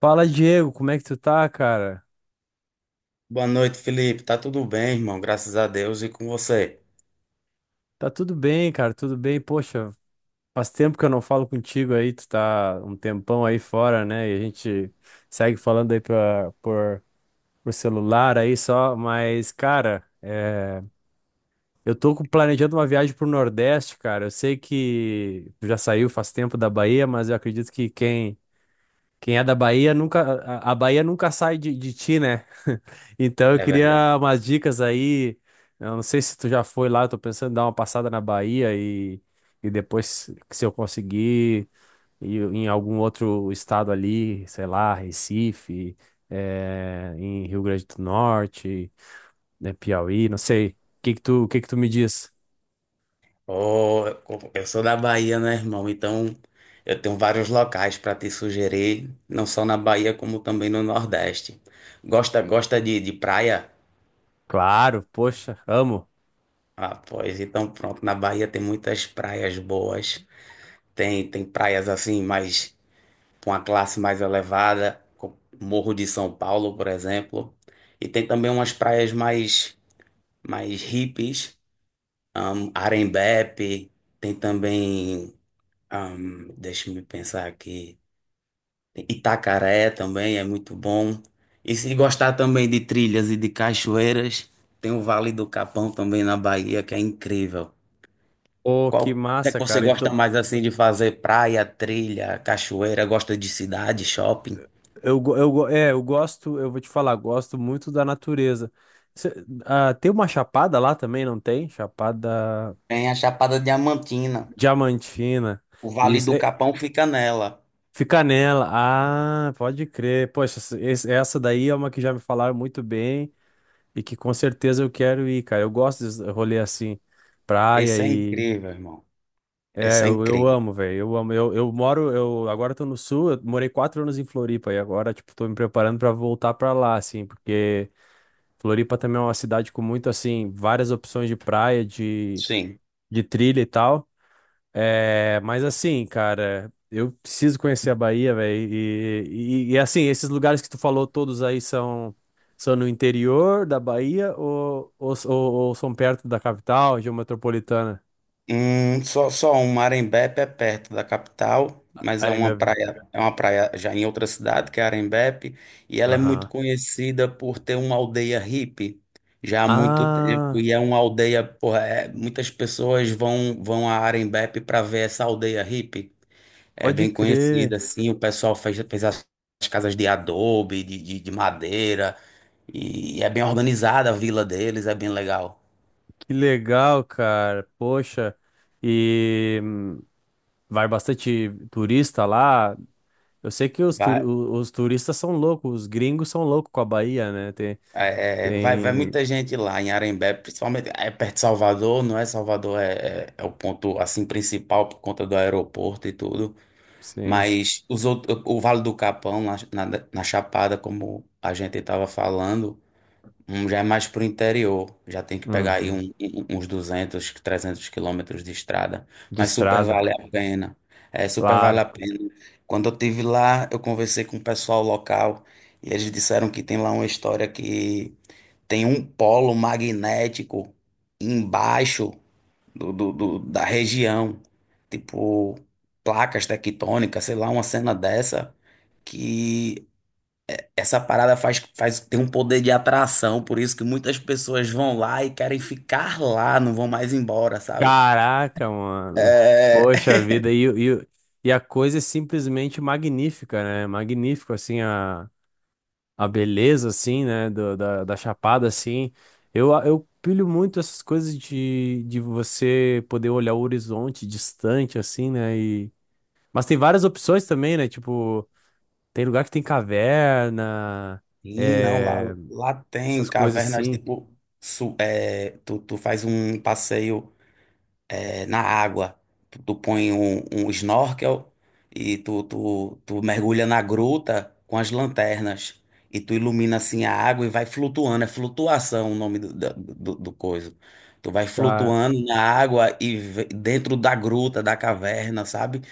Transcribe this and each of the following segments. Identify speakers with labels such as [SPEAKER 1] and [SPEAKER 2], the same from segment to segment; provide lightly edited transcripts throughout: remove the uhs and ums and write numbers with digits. [SPEAKER 1] Fala, Diego, como é que tu tá, cara?
[SPEAKER 2] Boa noite, Felipe. Tá tudo bem, irmão? Graças a Deus e com você.
[SPEAKER 1] Tá tudo bem, cara, tudo bem. Poxa, faz tempo que eu não falo contigo aí, tu tá um tempão aí fora, né? E a gente segue falando aí por celular aí só, mas, cara, é, eu tô planejando uma viagem pro Nordeste, cara. Eu sei que tu já saiu faz tempo da Bahia, mas eu acredito que quem é da Bahia nunca, a Bahia nunca sai de ti, né? Então eu
[SPEAKER 2] É
[SPEAKER 1] queria
[SPEAKER 2] verdade.
[SPEAKER 1] umas dicas aí. Eu não sei se tu já foi lá, eu tô pensando em dar uma passada na Bahia e depois, se eu conseguir, ir em algum outro estado ali, sei lá, Recife, em Rio Grande do Norte, né, Piauí, não sei. O que que tu me diz?
[SPEAKER 2] Oh, eu sou da Bahia, né, irmão? Então, eu tenho vários locais para te sugerir, não só na Bahia, como também no Nordeste. Gosta de praia?
[SPEAKER 1] Claro, poxa, amo.
[SPEAKER 2] Ah, pois, então pronto. Na Bahia tem muitas praias boas. Tem praias assim, mais com a classe mais elevada, como Morro de São Paulo, por exemplo. E tem também umas praias mais hippies. Arembep, tem também, deixa-me pensar aqui, tem Itacaré também é muito bom. E se gostar também de trilhas e de cachoeiras, tem o Vale do Capão também na Bahia, que é incrível.
[SPEAKER 1] Pô, que
[SPEAKER 2] Qual é que
[SPEAKER 1] massa,
[SPEAKER 2] você
[SPEAKER 1] cara.
[SPEAKER 2] gosta mais assim de fazer? Praia, trilha, cachoeira, gosta de cidade, shopping?
[SPEAKER 1] Eu gosto, eu vou te falar, gosto muito da natureza. Cê- Tem uma chapada lá também, não tem? Chapada
[SPEAKER 2] Tem a Chapada Diamantina.
[SPEAKER 1] Diamantina.
[SPEAKER 2] O Vale
[SPEAKER 1] Isso,
[SPEAKER 2] do
[SPEAKER 1] é,
[SPEAKER 2] Capão fica nela.
[SPEAKER 1] fica nela. Ah, pode crer. Poxa, essa daí é uma que já me falaram muito bem e que com certeza eu quero ir, cara. Eu gosto de rolê assim, praia
[SPEAKER 2] Esse é
[SPEAKER 1] e.
[SPEAKER 2] incrível, irmão.
[SPEAKER 1] É,
[SPEAKER 2] Esse é
[SPEAKER 1] eu
[SPEAKER 2] incrível.
[SPEAKER 1] amo, velho. Eu amo. Eu agora tô no sul, eu morei 4 anos em Floripa e agora, tipo, tô me preparando pra voltar pra lá, assim, porque. Floripa também é uma cidade com muito, assim, várias opções de praia, de,
[SPEAKER 2] Sim.
[SPEAKER 1] de trilha e tal. É, mas assim, cara, eu preciso conhecer a Bahia, velho. E, assim, esses lugares que tu falou todos aí são no interior da Bahia ou, ou são perto da capital, região metropolitana?
[SPEAKER 2] Só um, Arembepe é perto da capital, mas
[SPEAKER 1] Arembebe.
[SPEAKER 2] é uma praia já em outra cidade, que é Arembepe, e ela é muito
[SPEAKER 1] Aham.
[SPEAKER 2] conhecida por ter uma aldeia hippie já há muito tempo,
[SPEAKER 1] Ah,
[SPEAKER 2] e é uma aldeia, porra, muitas pessoas vão a Arembepe para ver essa aldeia hippie. É
[SPEAKER 1] pode
[SPEAKER 2] bem
[SPEAKER 1] crer.
[SPEAKER 2] conhecida, assim, o pessoal fez as casas de adobe, de madeira, e é bem organizada a vila deles, é bem legal.
[SPEAKER 1] Que legal, cara. Poxa. E vai bastante turista lá. Eu sei que os turistas são loucos, os gringos são loucos com a Bahia, né? Tem,
[SPEAKER 2] É, é, vai
[SPEAKER 1] tem,
[SPEAKER 2] muita gente lá em Arembé, principalmente é perto de Salvador, não é? Salvador é o ponto assim principal por conta do aeroporto e tudo,
[SPEAKER 1] sim.
[SPEAKER 2] mas os outros, o Vale do Capão, lá na Chapada, como a gente estava falando, já é mais pro interior, já tem que pegar aí
[SPEAKER 1] Uhum.
[SPEAKER 2] uns 200 300 quilômetros de estrada,
[SPEAKER 1] De
[SPEAKER 2] mas super
[SPEAKER 1] estrada,
[SPEAKER 2] vale a pena, é, super vale
[SPEAKER 1] claro.
[SPEAKER 2] a pena. Quando eu tive lá, eu conversei com o pessoal local e eles disseram que tem lá uma história que tem um polo magnético embaixo da região, tipo placas tectônicas, sei lá, uma cena dessa, que essa parada tem um poder de atração, por isso que muitas pessoas vão lá e querem ficar lá, não vão mais embora, sabe?
[SPEAKER 1] Caraca, mano.
[SPEAKER 2] É...
[SPEAKER 1] Poxa vida, e a coisa é simplesmente magnífica, né? Magnífico, assim, a, beleza, assim, né? Da Chapada, assim. Eu pilho muito essas coisas de você poder olhar o horizonte distante, assim, né? E, mas tem várias opções também, né? Tipo. Tem lugar que tem caverna,
[SPEAKER 2] Sim, não, lá,
[SPEAKER 1] é,
[SPEAKER 2] lá tem
[SPEAKER 1] essas coisas
[SPEAKER 2] cavernas,
[SPEAKER 1] assim.
[SPEAKER 2] tipo, tu faz um passeio. É, na água. Tu põe um snorkel e tu mergulha na gruta com as lanternas. E tu ilumina assim a água e vai flutuando. É flutuação o nome do coisa. Tu vai
[SPEAKER 1] Ca-
[SPEAKER 2] flutuando na água e dentro da gruta, da caverna, sabe?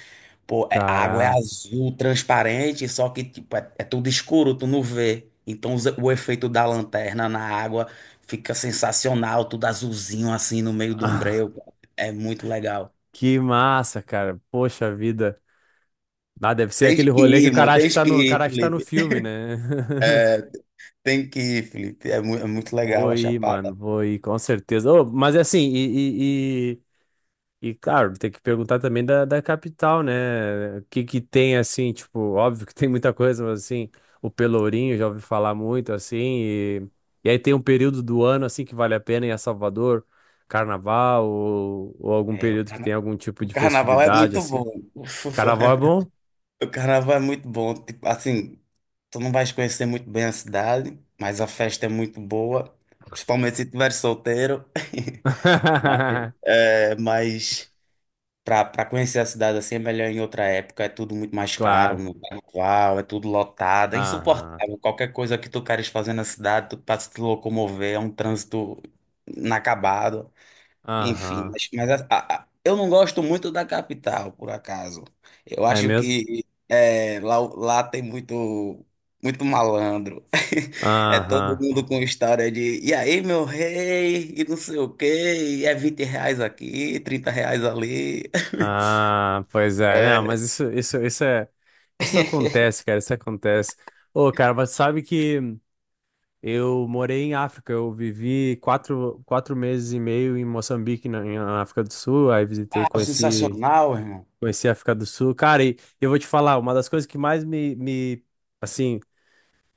[SPEAKER 2] Pô, a água é
[SPEAKER 1] Caraca.
[SPEAKER 2] azul, transparente, só que tipo, é tudo escuro, tu não vê. Então o efeito da lanterna na água fica sensacional, tudo azulzinho assim no meio de um breu, cara. É muito legal.
[SPEAKER 1] Que massa, cara. Poxa vida. Ah, deve ser
[SPEAKER 2] Tens
[SPEAKER 1] aquele
[SPEAKER 2] que
[SPEAKER 1] rolê
[SPEAKER 2] ir,
[SPEAKER 1] que o
[SPEAKER 2] irmão,
[SPEAKER 1] cara acha que
[SPEAKER 2] tens
[SPEAKER 1] tá
[SPEAKER 2] que
[SPEAKER 1] no, o
[SPEAKER 2] ir,
[SPEAKER 1] cara acha que tá no
[SPEAKER 2] Felipe.
[SPEAKER 1] filme, né?
[SPEAKER 2] É, tem que ir, Felipe. É, é muito
[SPEAKER 1] Vou
[SPEAKER 2] legal a
[SPEAKER 1] ir, mano.
[SPEAKER 2] Chapada.
[SPEAKER 1] Vou ir, com certeza. Ô, mas é assim, E, claro, tem que perguntar também da, capital, né? O que que tem, assim, tipo, óbvio que tem muita coisa, mas, assim, o Pelourinho, já ouvi falar muito, assim, e aí tem um período do ano, assim, que vale a pena ir a Salvador, carnaval, ou algum
[SPEAKER 2] É,
[SPEAKER 1] período que tem algum tipo
[SPEAKER 2] o
[SPEAKER 1] de
[SPEAKER 2] carnaval é
[SPEAKER 1] festividade,
[SPEAKER 2] muito
[SPEAKER 1] assim.
[SPEAKER 2] bom.
[SPEAKER 1] Carnaval é bom?
[SPEAKER 2] O carnaval é muito bom. Tipo, assim, tu não vais conhecer muito bem a cidade, mas a festa é muito boa, principalmente se estiver solteiro. Mas, mas para conhecer a cidade assim é melhor em outra época, é tudo muito mais caro
[SPEAKER 1] Claro.
[SPEAKER 2] no carnaval, é tudo lotado, é
[SPEAKER 1] Aham.
[SPEAKER 2] insuportável. Qualquer coisa que tu queres fazer na cidade, tu tá se locomover, é um trânsito inacabado. Enfim,
[SPEAKER 1] Aham.
[SPEAKER 2] mas eu não gosto muito da capital, por acaso. Eu
[SPEAKER 1] É
[SPEAKER 2] acho
[SPEAKER 1] mesmo?
[SPEAKER 2] que lá tem muito, muito malandro. É todo
[SPEAKER 1] Aham.
[SPEAKER 2] mundo com história de e aí, meu rei, e não sei o quê, e é R$ 20 aqui, R$ 30 ali.
[SPEAKER 1] Ah, pois é. Não,
[SPEAKER 2] É,
[SPEAKER 1] mas isso, isso acontece, cara. Isso acontece. Ô, cara, mas sabe que eu morei em África. Eu vivi quatro meses e meio em Moçambique, na África do Sul. Aí visitei,
[SPEAKER 2] ah,
[SPEAKER 1] conheci,
[SPEAKER 2] sensacional, irmão.
[SPEAKER 1] conheci a África do Sul. Cara, e eu vou te falar, uma das coisas que mais me, assim,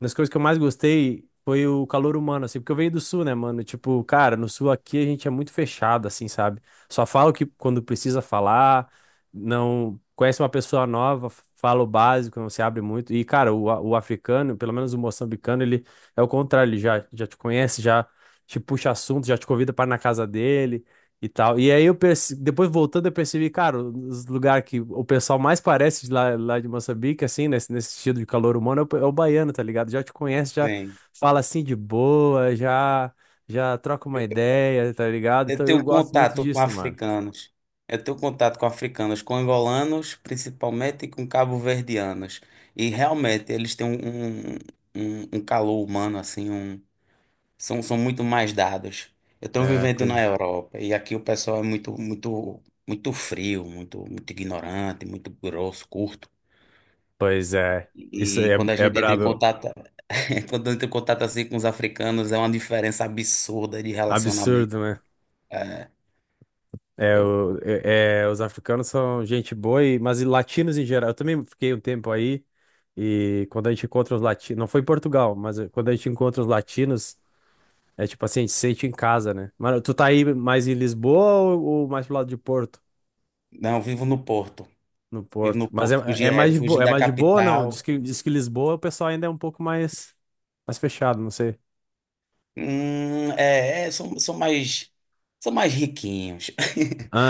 [SPEAKER 1] uma das coisas que eu mais gostei foi o calor humano, assim, porque eu venho do sul, né, mano? Tipo, cara, no sul aqui a gente é muito fechado, assim, sabe? Só fala o que quando precisa falar, não conhece uma pessoa nova, fala o básico, não se abre muito. E, cara, o africano, pelo menos o moçambicano, ele é o contrário, ele já te conhece, já te puxa assunto, já te convida para ir na casa dele e tal. E aí eu depois voltando eu percebi, cara, os lugares que o pessoal mais parece de lá, lá de Moçambique, assim, nesse estilo de calor humano, é o baiano, tá ligado? Já te conhece, já fala assim de boa, já troca uma ideia, tá ligado?
[SPEAKER 2] Eu
[SPEAKER 1] Então eu
[SPEAKER 2] tenho
[SPEAKER 1] gosto muito
[SPEAKER 2] contato com
[SPEAKER 1] disso, mano.
[SPEAKER 2] africanos. Eu tenho contato com africanos, com angolanos, principalmente e com cabo-verdianos. E realmente eles têm um calor humano, assim, são muito mais dados. Eu estou
[SPEAKER 1] É,
[SPEAKER 2] vivendo
[SPEAKER 1] pois,
[SPEAKER 2] na Europa e aqui o pessoal é muito, muito, muito frio, muito, muito ignorante, muito grosso, curto.
[SPEAKER 1] pois é. Isso
[SPEAKER 2] E
[SPEAKER 1] aí
[SPEAKER 2] quando a
[SPEAKER 1] é,
[SPEAKER 2] gente entra em
[SPEAKER 1] brabo,
[SPEAKER 2] contato, quando entra em contato assim com os africanos, é uma diferença absurda de relacionamento.
[SPEAKER 1] absurdo, né? É,
[SPEAKER 2] Eu,
[SPEAKER 1] os africanos são gente boa, e, mas e latinos em geral. Eu também fiquei um tempo aí, e quando a gente encontra os latinos, não foi em Portugal, mas quando a gente encontra os latinos, é tipo assim, a gente se sente em casa, né? Mas tu tá aí mais em Lisboa ou, mais pro lado de Porto?
[SPEAKER 2] não, eu vivo no Porto.
[SPEAKER 1] No
[SPEAKER 2] Vivo
[SPEAKER 1] Porto.
[SPEAKER 2] no
[SPEAKER 1] Mas é,
[SPEAKER 2] Porto,
[SPEAKER 1] é
[SPEAKER 2] fugir,
[SPEAKER 1] mais
[SPEAKER 2] é,
[SPEAKER 1] de
[SPEAKER 2] fugir
[SPEAKER 1] boa, é
[SPEAKER 2] da
[SPEAKER 1] mais de boa ou não? Diz
[SPEAKER 2] capital.
[SPEAKER 1] que, diz que Lisboa o pessoal ainda é um pouco mais fechado, não sei.
[SPEAKER 2] Hum, é, é, são, são mais, são mais riquinhos.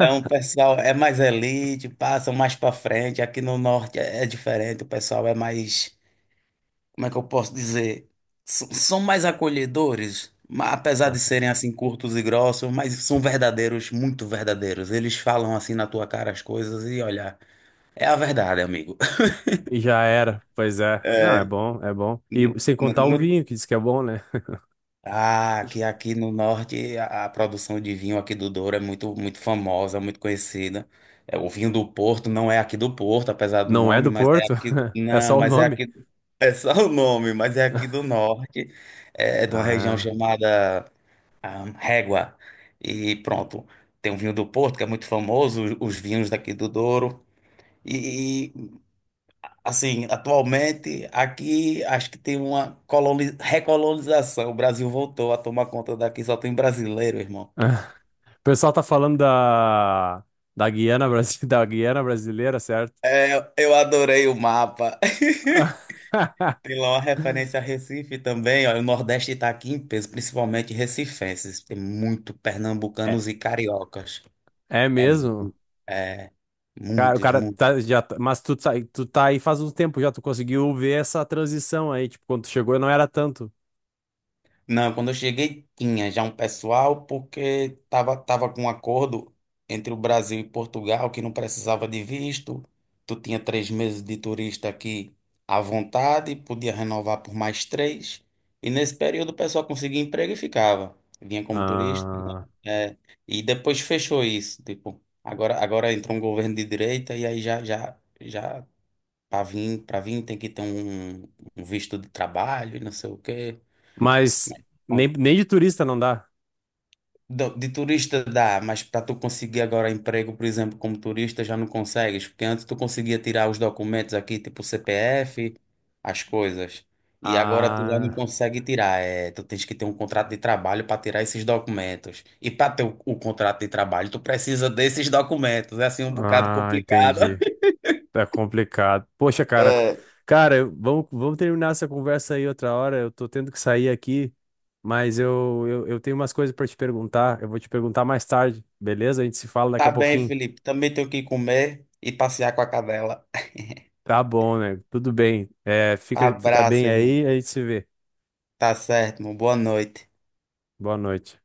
[SPEAKER 2] É um pessoal, é mais elite, passam mais para frente. Aqui no norte é diferente, o pessoal é mais, como é que eu posso dizer? São mais acolhedores, apesar de serem assim curtos e grossos, mas são verdadeiros, muito verdadeiros. Eles falam assim na tua cara as coisas e olha, é a verdade, amigo.
[SPEAKER 1] E já era, pois é. Não, é
[SPEAKER 2] É,
[SPEAKER 1] bom, é bom. E sem contar o
[SPEAKER 2] não,
[SPEAKER 1] vinho, que diz que é bom, né?
[SPEAKER 2] ah, que aqui no norte a produção de vinho aqui do Douro é muito, muito famosa, muito conhecida. É, o vinho do Porto não é aqui do Porto, apesar do
[SPEAKER 1] Não é
[SPEAKER 2] nome,
[SPEAKER 1] do
[SPEAKER 2] mas é
[SPEAKER 1] Porto?
[SPEAKER 2] aqui.
[SPEAKER 1] É só
[SPEAKER 2] Não,
[SPEAKER 1] o
[SPEAKER 2] mas é
[SPEAKER 1] nome?
[SPEAKER 2] aqui. É só o nome, mas é aqui do norte. É de uma região
[SPEAKER 1] Ah.
[SPEAKER 2] chamada Régua. E pronto. Tem o vinho do Porto, que é muito famoso, os vinhos daqui do Douro. E assim, atualmente, aqui acho que tem uma recolonização. O Brasil voltou a tomar conta daqui, só tem brasileiro, irmão.
[SPEAKER 1] O pessoal tá falando da Guiana, da Guiana brasileira, certo?
[SPEAKER 2] É, eu adorei o mapa. Tem lá uma referência a Recife também, ó. O Nordeste está aqui em peso, principalmente recifenses. Tem muito
[SPEAKER 1] É,
[SPEAKER 2] pernambucanos e cariocas.
[SPEAKER 1] é
[SPEAKER 2] É,
[SPEAKER 1] mesmo?
[SPEAKER 2] é
[SPEAKER 1] Cara, o
[SPEAKER 2] muitos,
[SPEAKER 1] cara
[SPEAKER 2] muitos.
[SPEAKER 1] tá, já, tá- mas tu tá aí faz um tempo já, tu conseguiu ver essa transição aí, tipo, quando tu chegou não era tanto.
[SPEAKER 2] Não, quando eu cheguei tinha já um pessoal, porque tava com um acordo entre o Brasil e Portugal que não precisava de visto. Tu tinha 3 meses de turista aqui à vontade, podia renovar por mais três. E nesse período o pessoal conseguia emprego e ficava. Vinha como turista.
[SPEAKER 1] Ah,
[SPEAKER 2] É, e depois fechou isso. Tipo, agora entrou um governo de direita e aí já para vir tem que ter um visto de trabalho e não sei o quê.
[SPEAKER 1] mas nem de turista não dá.
[SPEAKER 2] De turista dá, mas para tu conseguir agora emprego, por exemplo, como turista, já não consegues, porque antes tu conseguia tirar os documentos aqui, tipo CPF, as coisas, e agora tu já não
[SPEAKER 1] Ah,
[SPEAKER 2] consegue tirar, tu tens que ter um contrato de trabalho para tirar esses documentos. E para ter o contrato de trabalho, tu precisa desses documentos, é assim um bocado
[SPEAKER 1] ah,
[SPEAKER 2] complicado.
[SPEAKER 1] entendi. Tá complicado. Poxa, cara.
[SPEAKER 2] É,
[SPEAKER 1] Cara, vamos terminar essa conversa aí outra hora. Eu tô tendo que sair aqui, mas eu tenho umas coisas pra te perguntar. Eu vou te perguntar mais tarde, beleza? A gente se fala daqui a
[SPEAKER 2] tá bem,
[SPEAKER 1] pouquinho.
[SPEAKER 2] Felipe, também tenho que comer e passear com a cadela.
[SPEAKER 1] Tá bom, né? Tudo bem. É, fica
[SPEAKER 2] Abraço,
[SPEAKER 1] bem
[SPEAKER 2] irmão.
[SPEAKER 1] aí, a gente se vê.
[SPEAKER 2] Tá certo, irmão. Boa noite.
[SPEAKER 1] Boa noite.